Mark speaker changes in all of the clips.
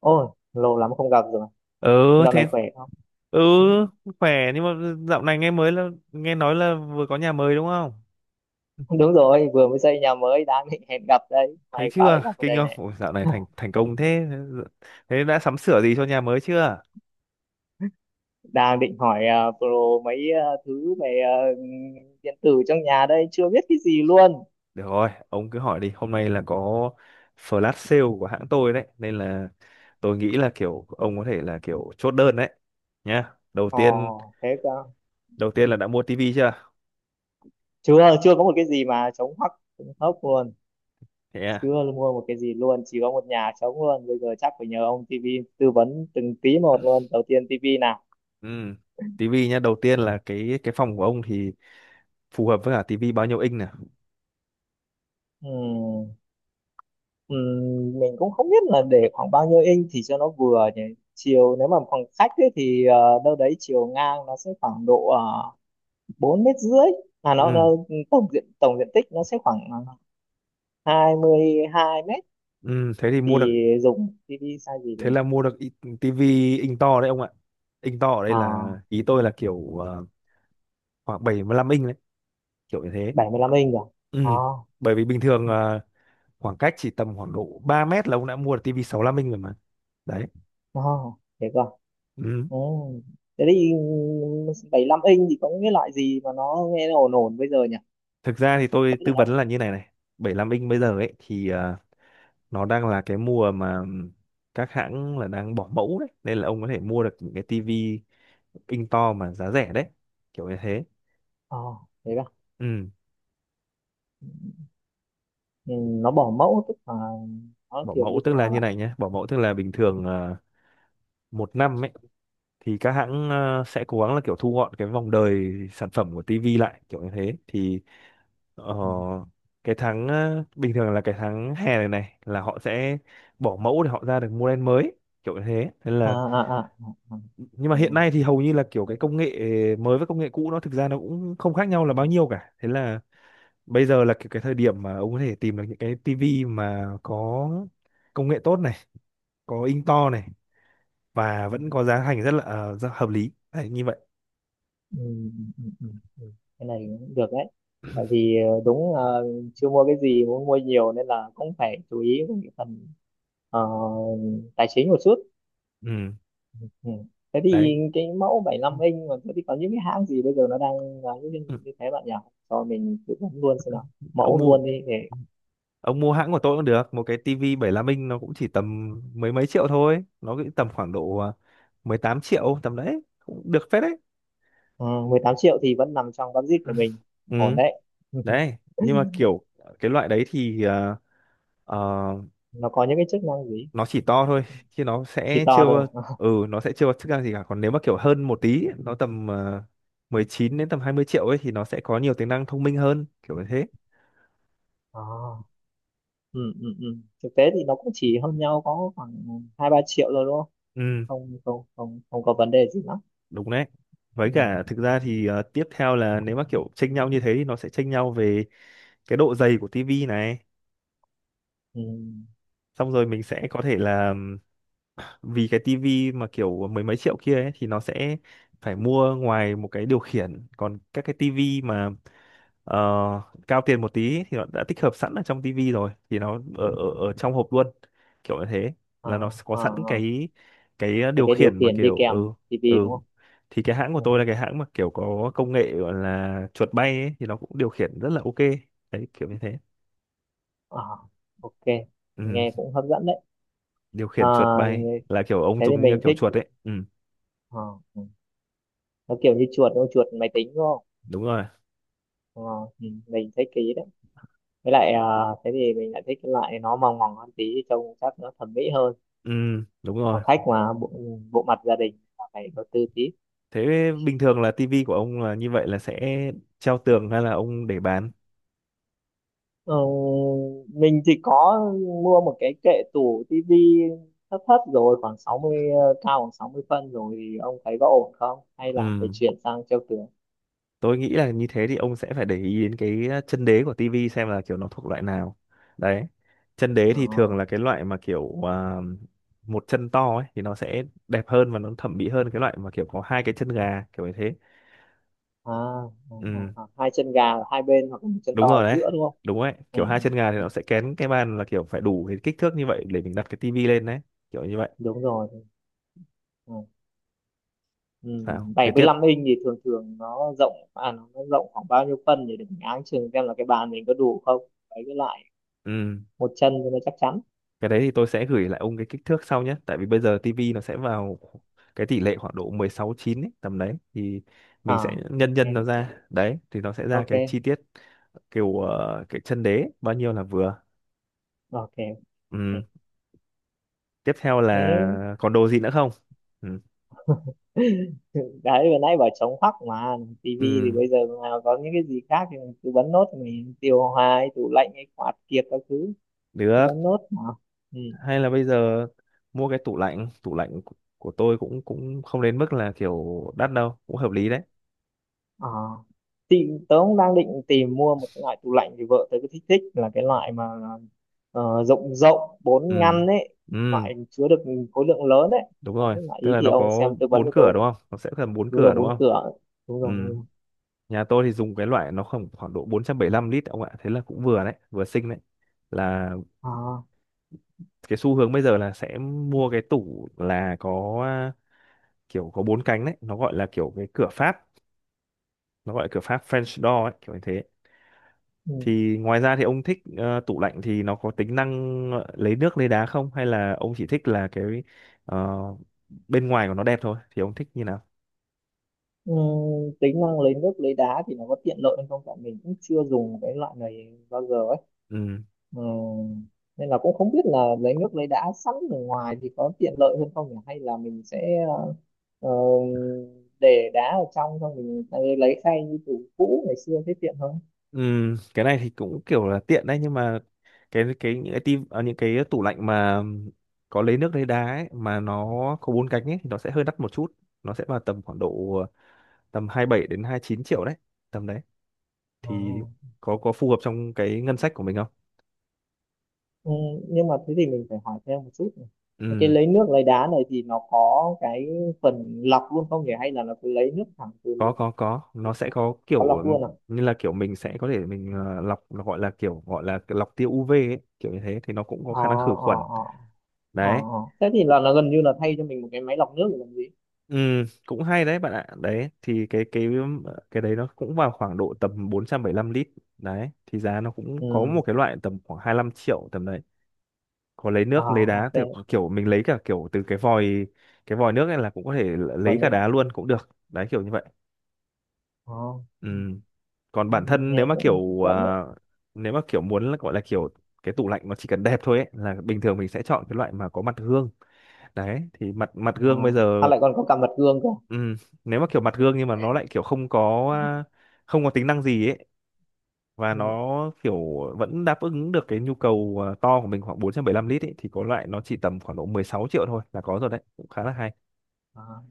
Speaker 1: Ôi, lâu lắm không gặp rồi.
Speaker 2: Ừ.
Speaker 1: Dạo này
Speaker 2: Thế.
Speaker 1: khỏe không?
Speaker 2: Ừ, khỏe nhưng mà dạo này nghe mới là nghe nói là vừa có nhà mới đúng không?
Speaker 1: Đúng rồi, vừa mới xây nhà mới, đang định hẹn gặp đây.
Speaker 2: Thấy
Speaker 1: May quá lại
Speaker 2: chưa,
Speaker 1: gặp ở
Speaker 2: kinh
Speaker 1: đây
Speaker 2: không?
Speaker 1: này.
Speaker 2: Ôi, dạo này thành thành công thế. Thế đã sắm sửa gì cho nhà mới chưa?
Speaker 1: Đang định hỏi pro mấy thứ về điện tử trong nhà đây, chưa biết cái gì luôn.
Speaker 2: Được rồi, ông cứ hỏi đi, hôm nay là có flash sale của hãng tôi đấy nên là tôi nghĩ là kiểu ông có thể là kiểu chốt đơn đấy nhá. Đầu tiên,
Speaker 1: Ồ, thế cơ.
Speaker 2: đầu tiên là đã mua tivi chưa?
Speaker 1: Chưa có một cái gì mà chống hoắc, chống hốc luôn.
Speaker 2: Thế à?
Speaker 1: Chưa mua một cái gì luôn, chỉ có một nhà trống luôn. Bây giờ chắc phải nhờ ông TV tư vấn từng tí một luôn. Đầu tiên TV nào.
Speaker 2: Ừ, tivi nhá. Đầu tiên là cái phòng của ông thì phù hợp với cả tivi bao nhiêu inch nè?
Speaker 1: Ừ. Mình cũng không biết là để khoảng bao nhiêu inch thì cho nó vừa nhỉ. Chiều nếu mà khoảng khách ấy, thì đâu đấy chiều ngang nó sẽ khoảng độ 4,5 mét. à nó,
Speaker 2: Ừ.
Speaker 1: nó tổng diện tích nó sẽ khoảng 22 mét,
Speaker 2: Ừ, thế thì mua
Speaker 1: thì
Speaker 2: được.
Speaker 1: dùng TV size gì
Speaker 2: Thế
Speaker 1: được?
Speaker 2: là mua được tivi inch to đấy ông ạ. Inch to ở đây
Speaker 1: uh,
Speaker 2: là ý tôi là kiểu khoảng 75 inch đấy, kiểu như thế.
Speaker 1: 75 inch rồi
Speaker 2: Ừ.
Speaker 1: à?
Speaker 2: Bởi vì bình thường khoảng cách chỉ tầm khoảng độ 3 mét là ông đã mua được tivi 65 inch rồi mà, đấy.
Speaker 1: À, thế cơ.
Speaker 2: Ừ.
Speaker 1: Ừ, thế thì 75 inch thì có những cái loại gì mà nó nghe nó ổn ổn bây giờ nhỉ?
Speaker 2: Thực ra thì tôi
Speaker 1: Vẫn là
Speaker 2: tư vấn là như này này. Bảy mươi lăm inch bây giờ ấy thì nó đang là cái mùa mà các hãng là đang bỏ mẫu đấy nên là ông có thể mua được những cái tivi inch to mà giá rẻ đấy, kiểu như thế.
Speaker 1: ờ thế cơ
Speaker 2: Ừ.
Speaker 1: à? Ừ, nó bỏ mẫu tức là nó
Speaker 2: Bỏ
Speaker 1: kiểu
Speaker 2: mẫu
Speaker 1: như thế
Speaker 2: tức là
Speaker 1: nào
Speaker 2: như
Speaker 1: bạn?
Speaker 2: này nhé. Bỏ mẫu tức là bình thường 1 năm ấy thì các hãng sẽ cố gắng là kiểu thu gọn cái vòng đời sản phẩm của TV lại kiểu như thế thì ờ,
Speaker 1: Ừ.
Speaker 2: cái tháng bình thường là cái tháng hè này này là họ sẽ bỏ mẫu để họ ra được model mới, kiểu như thế nên
Speaker 1: À
Speaker 2: là.
Speaker 1: à à, à, à.
Speaker 2: Nhưng mà
Speaker 1: Ừ,
Speaker 2: hiện nay thì hầu như là kiểu
Speaker 1: ừ,
Speaker 2: cái
Speaker 1: ừ,
Speaker 2: công nghệ mới với công nghệ cũ nó thực ra nó cũng không khác nhau là bao nhiêu cả, thế là bây giờ là kiểu cái thời điểm mà ông có thể tìm được những cái TV mà có công nghệ tốt này, có in to này, và vẫn có giá thành rất là rất hợp lý. Đấy, như vậy.
Speaker 1: ừ, ừ, ừ, ừ. Cái này cũng được đấy, tại vì đúng, chưa mua cái gì, muốn mua nhiều nên là cũng phải chú ý đến cái phần ờ, tài chính một chút.
Speaker 2: Ừ.
Speaker 1: Ừ. Thế
Speaker 2: Đấy.
Speaker 1: thì cái mẫu 75 inch mà thế thì có những cái hãng gì bây giờ nó đang là như,
Speaker 2: Ừ.
Speaker 1: như thế bạn nhỉ? Cho mình tư vấn luôn xem nào,
Speaker 2: ông
Speaker 1: mẫu
Speaker 2: mua
Speaker 1: luôn đi để
Speaker 2: ông mua hãng của tôi cũng được, một cái tivi 75 inch nó cũng chỉ tầm mấy mấy triệu thôi, nó cũng tầm khoảng độ 18 triệu tầm đấy, cũng được phết đấy.
Speaker 1: ờ, 18 triệu thì vẫn nằm trong budget
Speaker 2: Ừ.
Speaker 1: của mình. Ổn
Speaker 2: Ừ.
Speaker 1: đấy.
Speaker 2: Đấy nhưng mà kiểu cái loại đấy thì ờ,
Speaker 1: Nó có những cái chức năng gì?
Speaker 2: nó chỉ to thôi chứ nó
Speaker 1: Chỉ
Speaker 2: sẽ
Speaker 1: to
Speaker 2: chưa.
Speaker 1: thôi à?
Speaker 2: Ừ, nó sẽ chưa có chức năng gì cả. Còn nếu mà kiểu hơn một tí nó tầm 19 đến tầm 20 triệu ấy thì nó sẽ có nhiều tính năng thông minh hơn, kiểu như thế.
Speaker 1: À, ừ, ừ, ừ. Thực tế thì nó cũng chỉ hơn nhau có khoảng hai ba triệu rồi đúng Không,
Speaker 2: Ừ,
Speaker 1: không, không, không, không có vấn đề gì lắm.
Speaker 2: đúng đấy. Với
Speaker 1: Ừ,
Speaker 2: cả thực ra thì tiếp theo là nếu mà kiểu chênh nhau như thế thì nó sẽ chênh nhau về cái độ dày của tivi này.
Speaker 1: ừ.
Speaker 2: Xong rồi mình sẽ có thể là vì cái tivi mà kiểu mười mấy triệu kia ấy, thì nó sẽ phải mua ngoài một cái điều khiển, còn các cái tivi mà ờ, cao tiền một tí thì nó đã tích hợp sẵn ở trong tivi rồi thì nó ở, ở ở trong hộp luôn, kiểu như thế,
Speaker 1: À,
Speaker 2: là nó có
Speaker 1: à,
Speaker 2: sẵn
Speaker 1: à.
Speaker 2: cái
Speaker 1: Thế
Speaker 2: điều
Speaker 1: cái điều
Speaker 2: khiển mà
Speaker 1: khiển đi
Speaker 2: kiểu ừ.
Speaker 1: kèm tivi
Speaker 2: Ừ
Speaker 1: đúng không?
Speaker 2: thì cái hãng của
Speaker 1: Ừ.
Speaker 2: tôi là cái hãng mà kiểu có công nghệ gọi là chuột bay ấy, thì nó cũng điều khiển rất là ok đấy, kiểu như thế.
Speaker 1: À, ok,
Speaker 2: Ừ.
Speaker 1: nghe cũng hấp dẫn đấy.
Speaker 2: Điều
Speaker 1: À,
Speaker 2: khiển chuột bay là kiểu ông
Speaker 1: thế thì
Speaker 2: dùng như
Speaker 1: mình
Speaker 2: kiểu
Speaker 1: thích.
Speaker 2: chuột ấy. Ừ,
Speaker 1: À, ừ. Nó kiểu như chuột đúng không? Chuột máy tính đúng không?
Speaker 2: đúng rồi.
Speaker 1: Ờ, ừ, mình thích cái ý đấy. Với lại thế thì mình lại thích cái loại nó mỏng mỏng hơn tí, trông chắc nó thẩm mỹ hơn.
Speaker 2: Ừ, đúng rồi.
Speaker 1: Phòng khách mà, bộ bộ mặt gia đình là phải đầu tư tí.
Speaker 2: Thế bình thường là tivi của ông là như vậy là sẽ treo tường hay là ông để bán?
Speaker 1: Ờ, mình thì có mua một cái kệ tủ tivi thấp thấp rồi khoảng 60, cao khoảng 60 phân rồi thì ông thấy có ổn không hay là phải
Speaker 2: Ừ,
Speaker 1: chuyển sang treo tường?
Speaker 2: tôi nghĩ là như thế thì ông sẽ phải để ý đến cái chân đế của tivi xem là kiểu nó thuộc loại nào, đấy. Chân đế
Speaker 1: Ờ,
Speaker 2: thì thường là cái loại mà kiểu một chân to ấy thì nó sẽ đẹp hơn và nó thẩm mỹ hơn cái loại mà kiểu có hai cái chân gà, kiểu như thế.
Speaker 1: à, à,
Speaker 2: Ừ,
Speaker 1: à, à, hai chân gà ở hai bên hoặc là một chân
Speaker 2: đúng
Speaker 1: to ở
Speaker 2: rồi đấy,
Speaker 1: giữa đúng không?
Speaker 2: đúng đấy.
Speaker 1: Ừ,
Speaker 2: Kiểu hai
Speaker 1: ừ,
Speaker 2: chân gà thì
Speaker 1: ừ,
Speaker 2: nó sẽ kén cái bàn là kiểu phải đủ cái kích thước như vậy để mình đặt cái tivi lên đấy, kiểu như vậy.
Speaker 1: đúng rồi. Ừ. Ừ,
Speaker 2: Sao
Speaker 1: bảy
Speaker 2: thế
Speaker 1: mươi
Speaker 2: tiếp?
Speaker 1: lăm inch thì thường thường nó rộng, nó rộng khoảng bao nhiêu phân để mình áng chừng xem là cái bàn mình có đủ không? Đấy, cái lại
Speaker 2: Ừ,
Speaker 1: một chân cho nó chắc chắn.
Speaker 2: cái đấy thì tôi sẽ gửi lại ông cái kích thước sau nhé, tại vì bây giờ tivi nó sẽ vào cái tỷ lệ khoảng độ 16 9 ấy, tầm đấy thì mình sẽ
Speaker 1: À,
Speaker 2: nhân nhân
Speaker 1: ok,
Speaker 2: nó ra đấy thì nó sẽ ra
Speaker 1: ok,
Speaker 2: cái chi tiết kiểu cái chân đế bao nhiêu là vừa.
Speaker 1: ok, ok.
Speaker 2: Ừ. Tiếp theo
Speaker 1: Thế.
Speaker 2: là còn đồ gì nữa không? Ừ.
Speaker 1: Đấy vừa nãy bảo chống hoắc mà, tivi thì
Speaker 2: Ừ,
Speaker 1: bây giờ mà có những cái gì khác thì mình cứ bấm nốt, mình điều hòa hay tủ lạnh hay quạt kiệt các thứ cứ
Speaker 2: được.
Speaker 1: bấm nốt mà. Ừ.
Speaker 2: Hay là bây giờ mua cái tủ lạnh. Tủ lạnh của tôi cũng cũng không đến mức là kiểu đắt đâu, cũng hợp lý đấy.
Speaker 1: À, thì tớ cũng đang định tìm mua một cái loại tủ lạnh, thì vợ tớ cứ thích thích là cái loại mà rộng rộng bốn
Speaker 2: Ừ.
Speaker 1: ngăn ấy,
Speaker 2: Ừ,
Speaker 1: loại chứa được khối lượng lớn ấy.
Speaker 2: đúng
Speaker 1: Đấy
Speaker 2: rồi,
Speaker 1: là
Speaker 2: tức
Speaker 1: ý
Speaker 2: là
Speaker 1: thì
Speaker 2: nó
Speaker 1: ông
Speaker 2: có
Speaker 1: xem tư vấn
Speaker 2: bốn
Speaker 1: cho
Speaker 2: cửa
Speaker 1: tôi.
Speaker 2: đúng không, nó sẽ cần bốn
Speaker 1: Đúng
Speaker 2: cửa
Speaker 1: rồi,
Speaker 2: đúng
Speaker 1: bốn
Speaker 2: không.
Speaker 1: cửa. Đúng rồi, đúng
Speaker 2: Ừ.
Speaker 1: rồi.
Speaker 2: Nhà tôi thì dùng cái loại nó khoảng khoảng độ 475 lít ông ạ, thế là cũng vừa đấy, vừa xinh đấy. Là
Speaker 1: À.
Speaker 2: cái xu hướng bây giờ là sẽ mua cái tủ là có kiểu có bốn cánh đấy, nó gọi là kiểu cái cửa Pháp, nó gọi là cửa Pháp French door ấy, kiểu như thế.
Speaker 1: Ừ.
Speaker 2: Thì ngoài ra thì ông thích tủ lạnh thì nó có tính năng lấy nước lấy đá không, hay là ông chỉ thích là cái ờ, bên ngoài của nó đẹp thôi, thì ông thích như nào?
Speaker 1: Tính năng lấy nước lấy đá thì nó có tiện lợi hay không, tại mình cũng chưa dùng cái loại này bao giờ ấy.
Speaker 2: Ừ.
Speaker 1: Ừm, nên là cũng không biết là lấy nước lấy đá sẵn ở ngoài thì có tiện lợi hơn không nhỉ, hay là mình sẽ ờ, để đá ở trong xong mình lấy khay như tủ cũ ngày xưa thế tiện hơn.
Speaker 2: Cái này thì cũng kiểu là tiện đấy nhưng mà cái những cái tim à, những cái tủ lạnh mà có lấy nước lấy đá ấy, mà nó có bốn cánh ấy thì nó sẽ hơi đắt một chút, nó sẽ vào tầm khoảng độ tầm 27 đến 29 triệu đấy, tầm đấy
Speaker 1: Ờ.
Speaker 2: thì có phù hợp trong cái ngân sách của mình không?
Speaker 1: Ừm, nhưng mà thế thì mình phải hỏi thêm một chút này. Cái
Speaker 2: Ừm,
Speaker 1: lấy nước lấy đá này thì nó có cái phần lọc luôn không nhỉ, hay là nó cứ lấy nước thẳng từ
Speaker 2: có
Speaker 1: mình?
Speaker 2: có, nó sẽ có
Speaker 1: Có lọc
Speaker 2: kiểu
Speaker 1: luôn à?
Speaker 2: như là kiểu mình sẽ có thể mình lọc, nó gọi là kiểu gọi là lọc tia UV ấy, kiểu như thế thì nó cũng có
Speaker 1: Ờ,
Speaker 2: khả năng khử
Speaker 1: ờ,
Speaker 2: khuẩn,
Speaker 1: ờ, ờ,
Speaker 2: đấy.
Speaker 1: ờ. Thế thì là gần như là thay cho mình một cái máy lọc nước để làm gì.
Speaker 2: Ừ, cũng hay đấy bạn ạ. Đấy thì cái cái đấy nó cũng vào khoảng độ tầm 475 lít. Đấy thì giá nó cũng có một
Speaker 1: Ừ,
Speaker 2: cái loại tầm khoảng 25 triệu tầm đấy. Có lấy
Speaker 1: à,
Speaker 2: nước, lấy đá
Speaker 1: ok.
Speaker 2: thì kiểu mình lấy cả kiểu từ cái vòi, cái vòi nước này là cũng có thể l-
Speaker 1: Vòi
Speaker 2: lấy cả
Speaker 1: nữa.
Speaker 2: đá luôn cũng được. Đấy, kiểu như vậy.
Speaker 1: Ờ,
Speaker 2: Ừ.
Speaker 1: ừ.
Speaker 2: Còn bản
Speaker 1: Ừ,
Speaker 2: thân nếu
Speaker 1: nghe
Speaker 2: mà
Speaker 1: cũng hấp
Speaker 2: kiểu
Speaker 1: dẫn đấy.
Speaker 2: nếu mà kiểu muốn là gọi là kiểu cái tủ lạnh nó chỉ cần đẹp thôi ấy, là bình thường mình sẽ chọn cái loại mà có mặt gương. Đấy thì mặt mặt
Speaker 1: À,
Speaker 2: gương bây
Speaker 1: à
Speaker 2: giờ.
Speaker 1: lại còn có cả mặt gương cơ.
Speaker 2: Ừ, nếu mà kiểu mặt gương nhưng mà nó lại kiểu không có không có tính năng gì ấy và
Speaker 1: Ừ.
Speaker 2: nó kiểu vẫn đáp ứng được cái nhu cầu à, to của mình khoảng 475 lít ấy thì có loại nó chỉ tầm khoảng độ 16 triệu thôi là có rồi đấy, cũng khá là hay.
Speaker 1: À.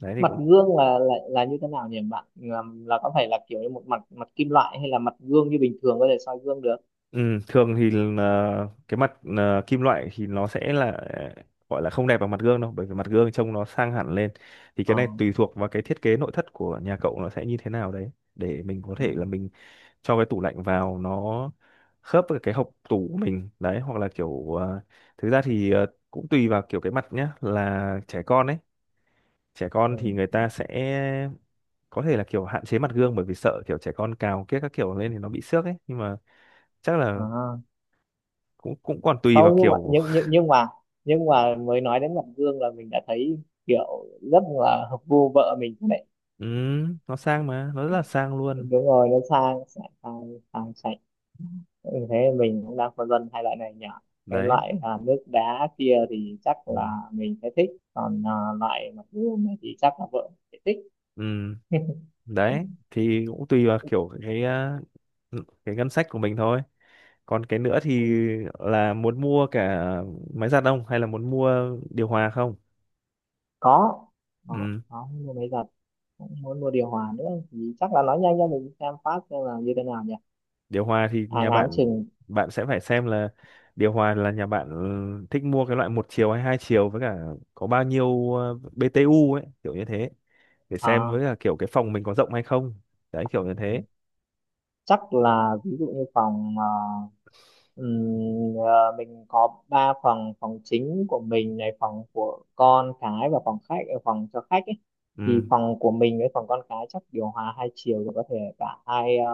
Speaker 2: Đấy thì
Speaker 1: Mặt
Speaker 2: cũng.
Speaker 1: gương là như thế nào nhỉ bạn, là, có phải là kiểu như một mặt mặt kim loại hay là mặt gương như bình thường có thể soi gương được?
Speaker 2: Ừ, thường thì là cái mặt kim loại thì nó sẽ là gọi là không đẹp bằng mặt gương đâu, bởi vì mặt gương trông nó sang hẳn lên. Thì cái
Speaker 1: Ờ.
Speaker 2: này tùy thuộc vào cái thiết kế nội thất của nhà cậu nó sẽ như thế nào đấy, để mình có
Speaker 1: Ừ.
Speaker 2: thể là mình cho cái tủ lạnh vào nó khớp với cái hộc tủ của mình đấy, hoặc là kiểu thực ra thì cũng tùy vào kiểu cái mặt nhá, là trẻ con ấy. Trẻ con
Speaker 1: Ừ.
Speaker 2: thì người ta sẽ có thể là kiểu hạn chế mặt gương, bởi vì sợ kiểu trẻ con cào kiếc các kiểu lên thì nó bị xước ấy, nhưng mà chắc là
Speaker 1: À.
Speaker 2: cũng cũng còn tùy vào
Speaker 1: Không, nhưng mà
Speaker 2: kiểu.
Speaker 1: nhưng mà mới nói đến mặt gương là mình đã thấy kiểu rất là hợp gu vợ mình.
Speaker 2: Ừ, nó sang mà nó rất là sang luôn,
Speaker 1: Đúng rồi, nó sang, sang sang, sang sạch. Ừ, thế mình cũng đang phân vân hai loại này nhỉ. Cái
Speaker 2: đấy.
Speaker 1: loại nước đá kia thì chắc
Speaker 2: Ừ.
Speaker 1: là mình sẽ thích, còn loại mặt gương này thì chắc là vợ sẽ thích.
Speaker 2: Ừ. Đấy thì cũng tùy vào kiểu cái cái ngân sách của mình thôi. Còn cái nữa thì
Speaker 1: Ừ,
Speaker 2: là muốn mua cả máy giặt không hay là muốn mua điều hòa không?
Speaker 1: có
Speaker 2: Ừ.
Speaker 1: có mua máy giặt, cũng muốn mua điều hòa nữa thì chắc là nói nhanh cho mình xem phát xem là như thế nào nhỉ.
Speaker 2: Điều hòa thì
Speaker 1: À,
Speaker 2: nhà
Speaker 1: ngáng
Speaker 2: bạn,
Speaker 1: chừng.
Speaker 2: bạn sẽ phải xem là điều hòa là nhà bạn ừ, thích mua cái loại một chiều hay hai chiều, với cả có bao nhiêu BTU ấy, kiểu như thế, để xem
Speaker 1: À.
Speaker 2: với cả kiểu cái phòng mình có rộng hay không, đấy, kiểu như
Speaker 1: Ừ.
Speaker 2: thế.
Speaker 1: Chắc là ví dụ như phòng, ờ, mình có ba phòng, phòng chính của mình này, phòng của con cái, và phòng khách, phòng cho khách ấy. Thì
Speaker 2: Ừ.
Speaker 1: phòng của mình với phòng con cái chắc điều hòa hai chiều thì có thể cả hai,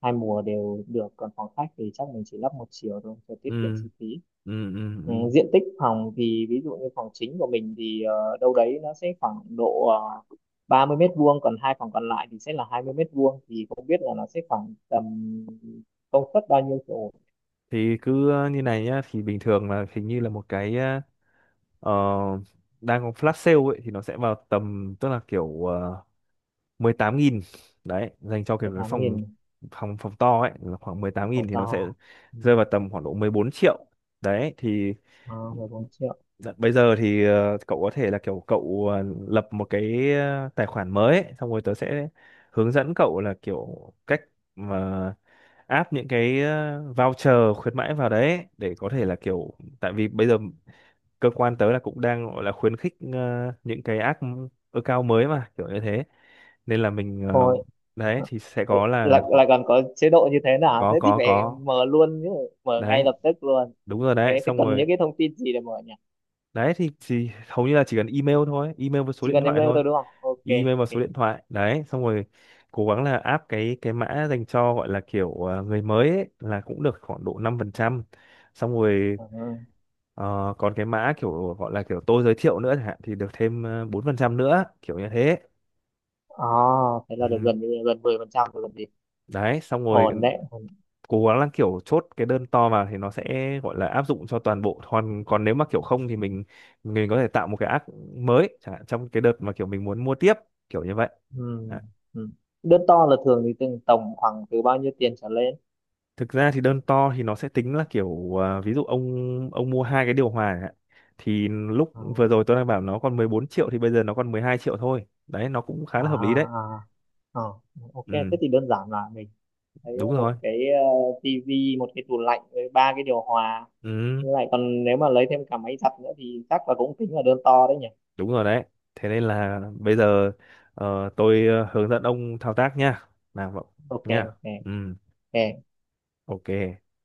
Speaker 1: hai mùa đều được, còn phòng khách thì chắc mình chỉ lắp một chiều thôi cho tiết kiệm
Speaker 2: Ừ.
Speaker 1: chi phí.
Speaker 2: Ừ. Ừ. Ừ.
Speaker 1: Ừ, diện tích phòng thì ví dụ như phòng chính của mình thì đâu đấy nó sẽ khoảng độ uh, 30 mét vuông, còn hai phòng còn lại thì sẽ là 20 mét vuông, thì không biết là nó sẽ khoảng tầm công suất bao nhiêu chỗ.
Speaker 2: Thì cứ như này nhá, thì bình thường là hình như là một cái ờ, đang có flash sale ấy thì nó sẽ vào tầm, tức là kiểu 18 nghìn đấy, dành cho
Speaker 1: mười
Speaker 2: kiểu cái
Speaker 1: tám
Speaker 2: phòng,
Speaker 1: nghìn
Speaker 2: phòng to ấy là khoảng 18 nghìn
Speaker 1: phòng
Speaker 2: thì nó sẽ
Speaker 1: to. Ừ.
Speaker 2: rơi vào tầm khoảng độ 14 triệu đấy thì
Speaker 1: À, 14 triệu
Speaker 2: đ- bây giờ thì cậu có thể là kiểu cậu lập một cái tài khoản mới ấy, xong rồi tớ sẽ hướng dẫn cậu là kiểu cách mà áp những cái voucher khuyến mãi vào đấy ấy, để có thể là kiểu tại vì bây giờ cơ quan tớ là cũng đang gọi là khuyến khích những cái app ừ, account mới mà kiểu như thế nên là mình
Speaker 1: thôi.
Speaker 2: đấy
Speaker 1: Ờ,
Speaker 2: thì sẽ
Speaker 1: ừ,
Speaker 2: có
Speaker 1: lại
Speaker 2: là khoảng.
Speaker 1: lại còn có chế độ như thế nào,
Speaker 2: Có
Speaker 1: thế thì
Speaker 2: có
Speaker 1: phải
Speaker 2: có.
Speaker 1: mở luôn chứ, mở
Speaker 2: Đấy,
Speaker 1: ngay lập tức luôn.
Speaker 2: đúng rồi đấy,
Speaker 1: Cái thế
Speaker 2: xong
Speaker 1: cần
Speaker 2: rồi.
Speaker 1: những cái thông tin gì để mở nhỉ?
Speaker 2: Đấy thì chỉ hầu như là chỉ cần email thôi, email với số
Speaker 1: Chỉ
Speaker 2: điện
Speaker 1: cần
Speaker 2: thoại
Speaker 1: email
Speaker 2: thôi.
Speaker 1: thôi đúng không? Ok,
Speaker 2: Email và
Speaker 1: ok.
Speaker 2: số điện thoại, đấy xong rồi cố gắng là áp cái mã dành cho gọi là kiểu người mới ấy, là cũng được khoảng độ 5%. Xong rồi
Speaker 1: Ừ.
Speaker 2: còn cái mã kiểu gọi là kiểu tôi giới thiệu nữa chẳng hạn thì được thêm 4% nữa, kiểu như thế.
Speaker 1: À, thế là được
Speaker 2: Ừ.
Speaker 1: gần gần 10% rồi còn gì.
Speaker 2: Đấy xong rồi,
Speaker 1: Ổn đấy, ổn.
Speaker 2: cố gắng là kiểu chốt cái đơn to vào thì nó sẽ gọi là áp dụng cho toàn bộ, còn còn nếu mà kiểu không thì mình có thể tạo một cái app mới chẳng hạn trong cái đợt mà kiểu mình muốn mua tiếp, kiểu như vậy.
Speaker 1: Ừ.
Speaker 2: Đấy.
Speaker 1: Ừ. Đứa to là thường thì từng tổng khoảng từ bao nhiêu tiền trở lên?
Speaker 2: Thực ra thì đơn to thì nó sẽ tính là kiểu ví dụ ông mua hai cái điều hòa chẳng hạn. Thì lúc
Speaker 1: Ờ.
Speaker 2: vừa rồi tôi đang bảo nó còn 14 triệu thì bây giờ nó còn 12 triệu thôi, đấy, nó cũng khá
Speaker 1: À,
Speaker 2: là hợp lý đấy.
Speaker 1: à. Ờ, ok
Speaker 2: Ừ,
Speaker 1: thế thì đơn giản là mình thấy
Speaker 2: đúng rồi.
Speaker 1: một cái tivi, một cái tủ lạnh với ba cái điều hòa.
Speaker 2: Ừ,
Speaker 1: Như lại còn nếu mà lấy thêm cả máy giặt nữa thì chắc là cũng tính là đơn to đấy nhỉ?
Speaker 2: đúng rồi đấy. Thế nên là bây giờ tôi hướng dẫn ông thao tác nha. Nào, vậy
Speaker 1: Ok,
Speaker 2: nha.
Speaker 1: ok,
Speaker 2: Ừ.
Speaker 1: ok.
Speaker 2: Ok.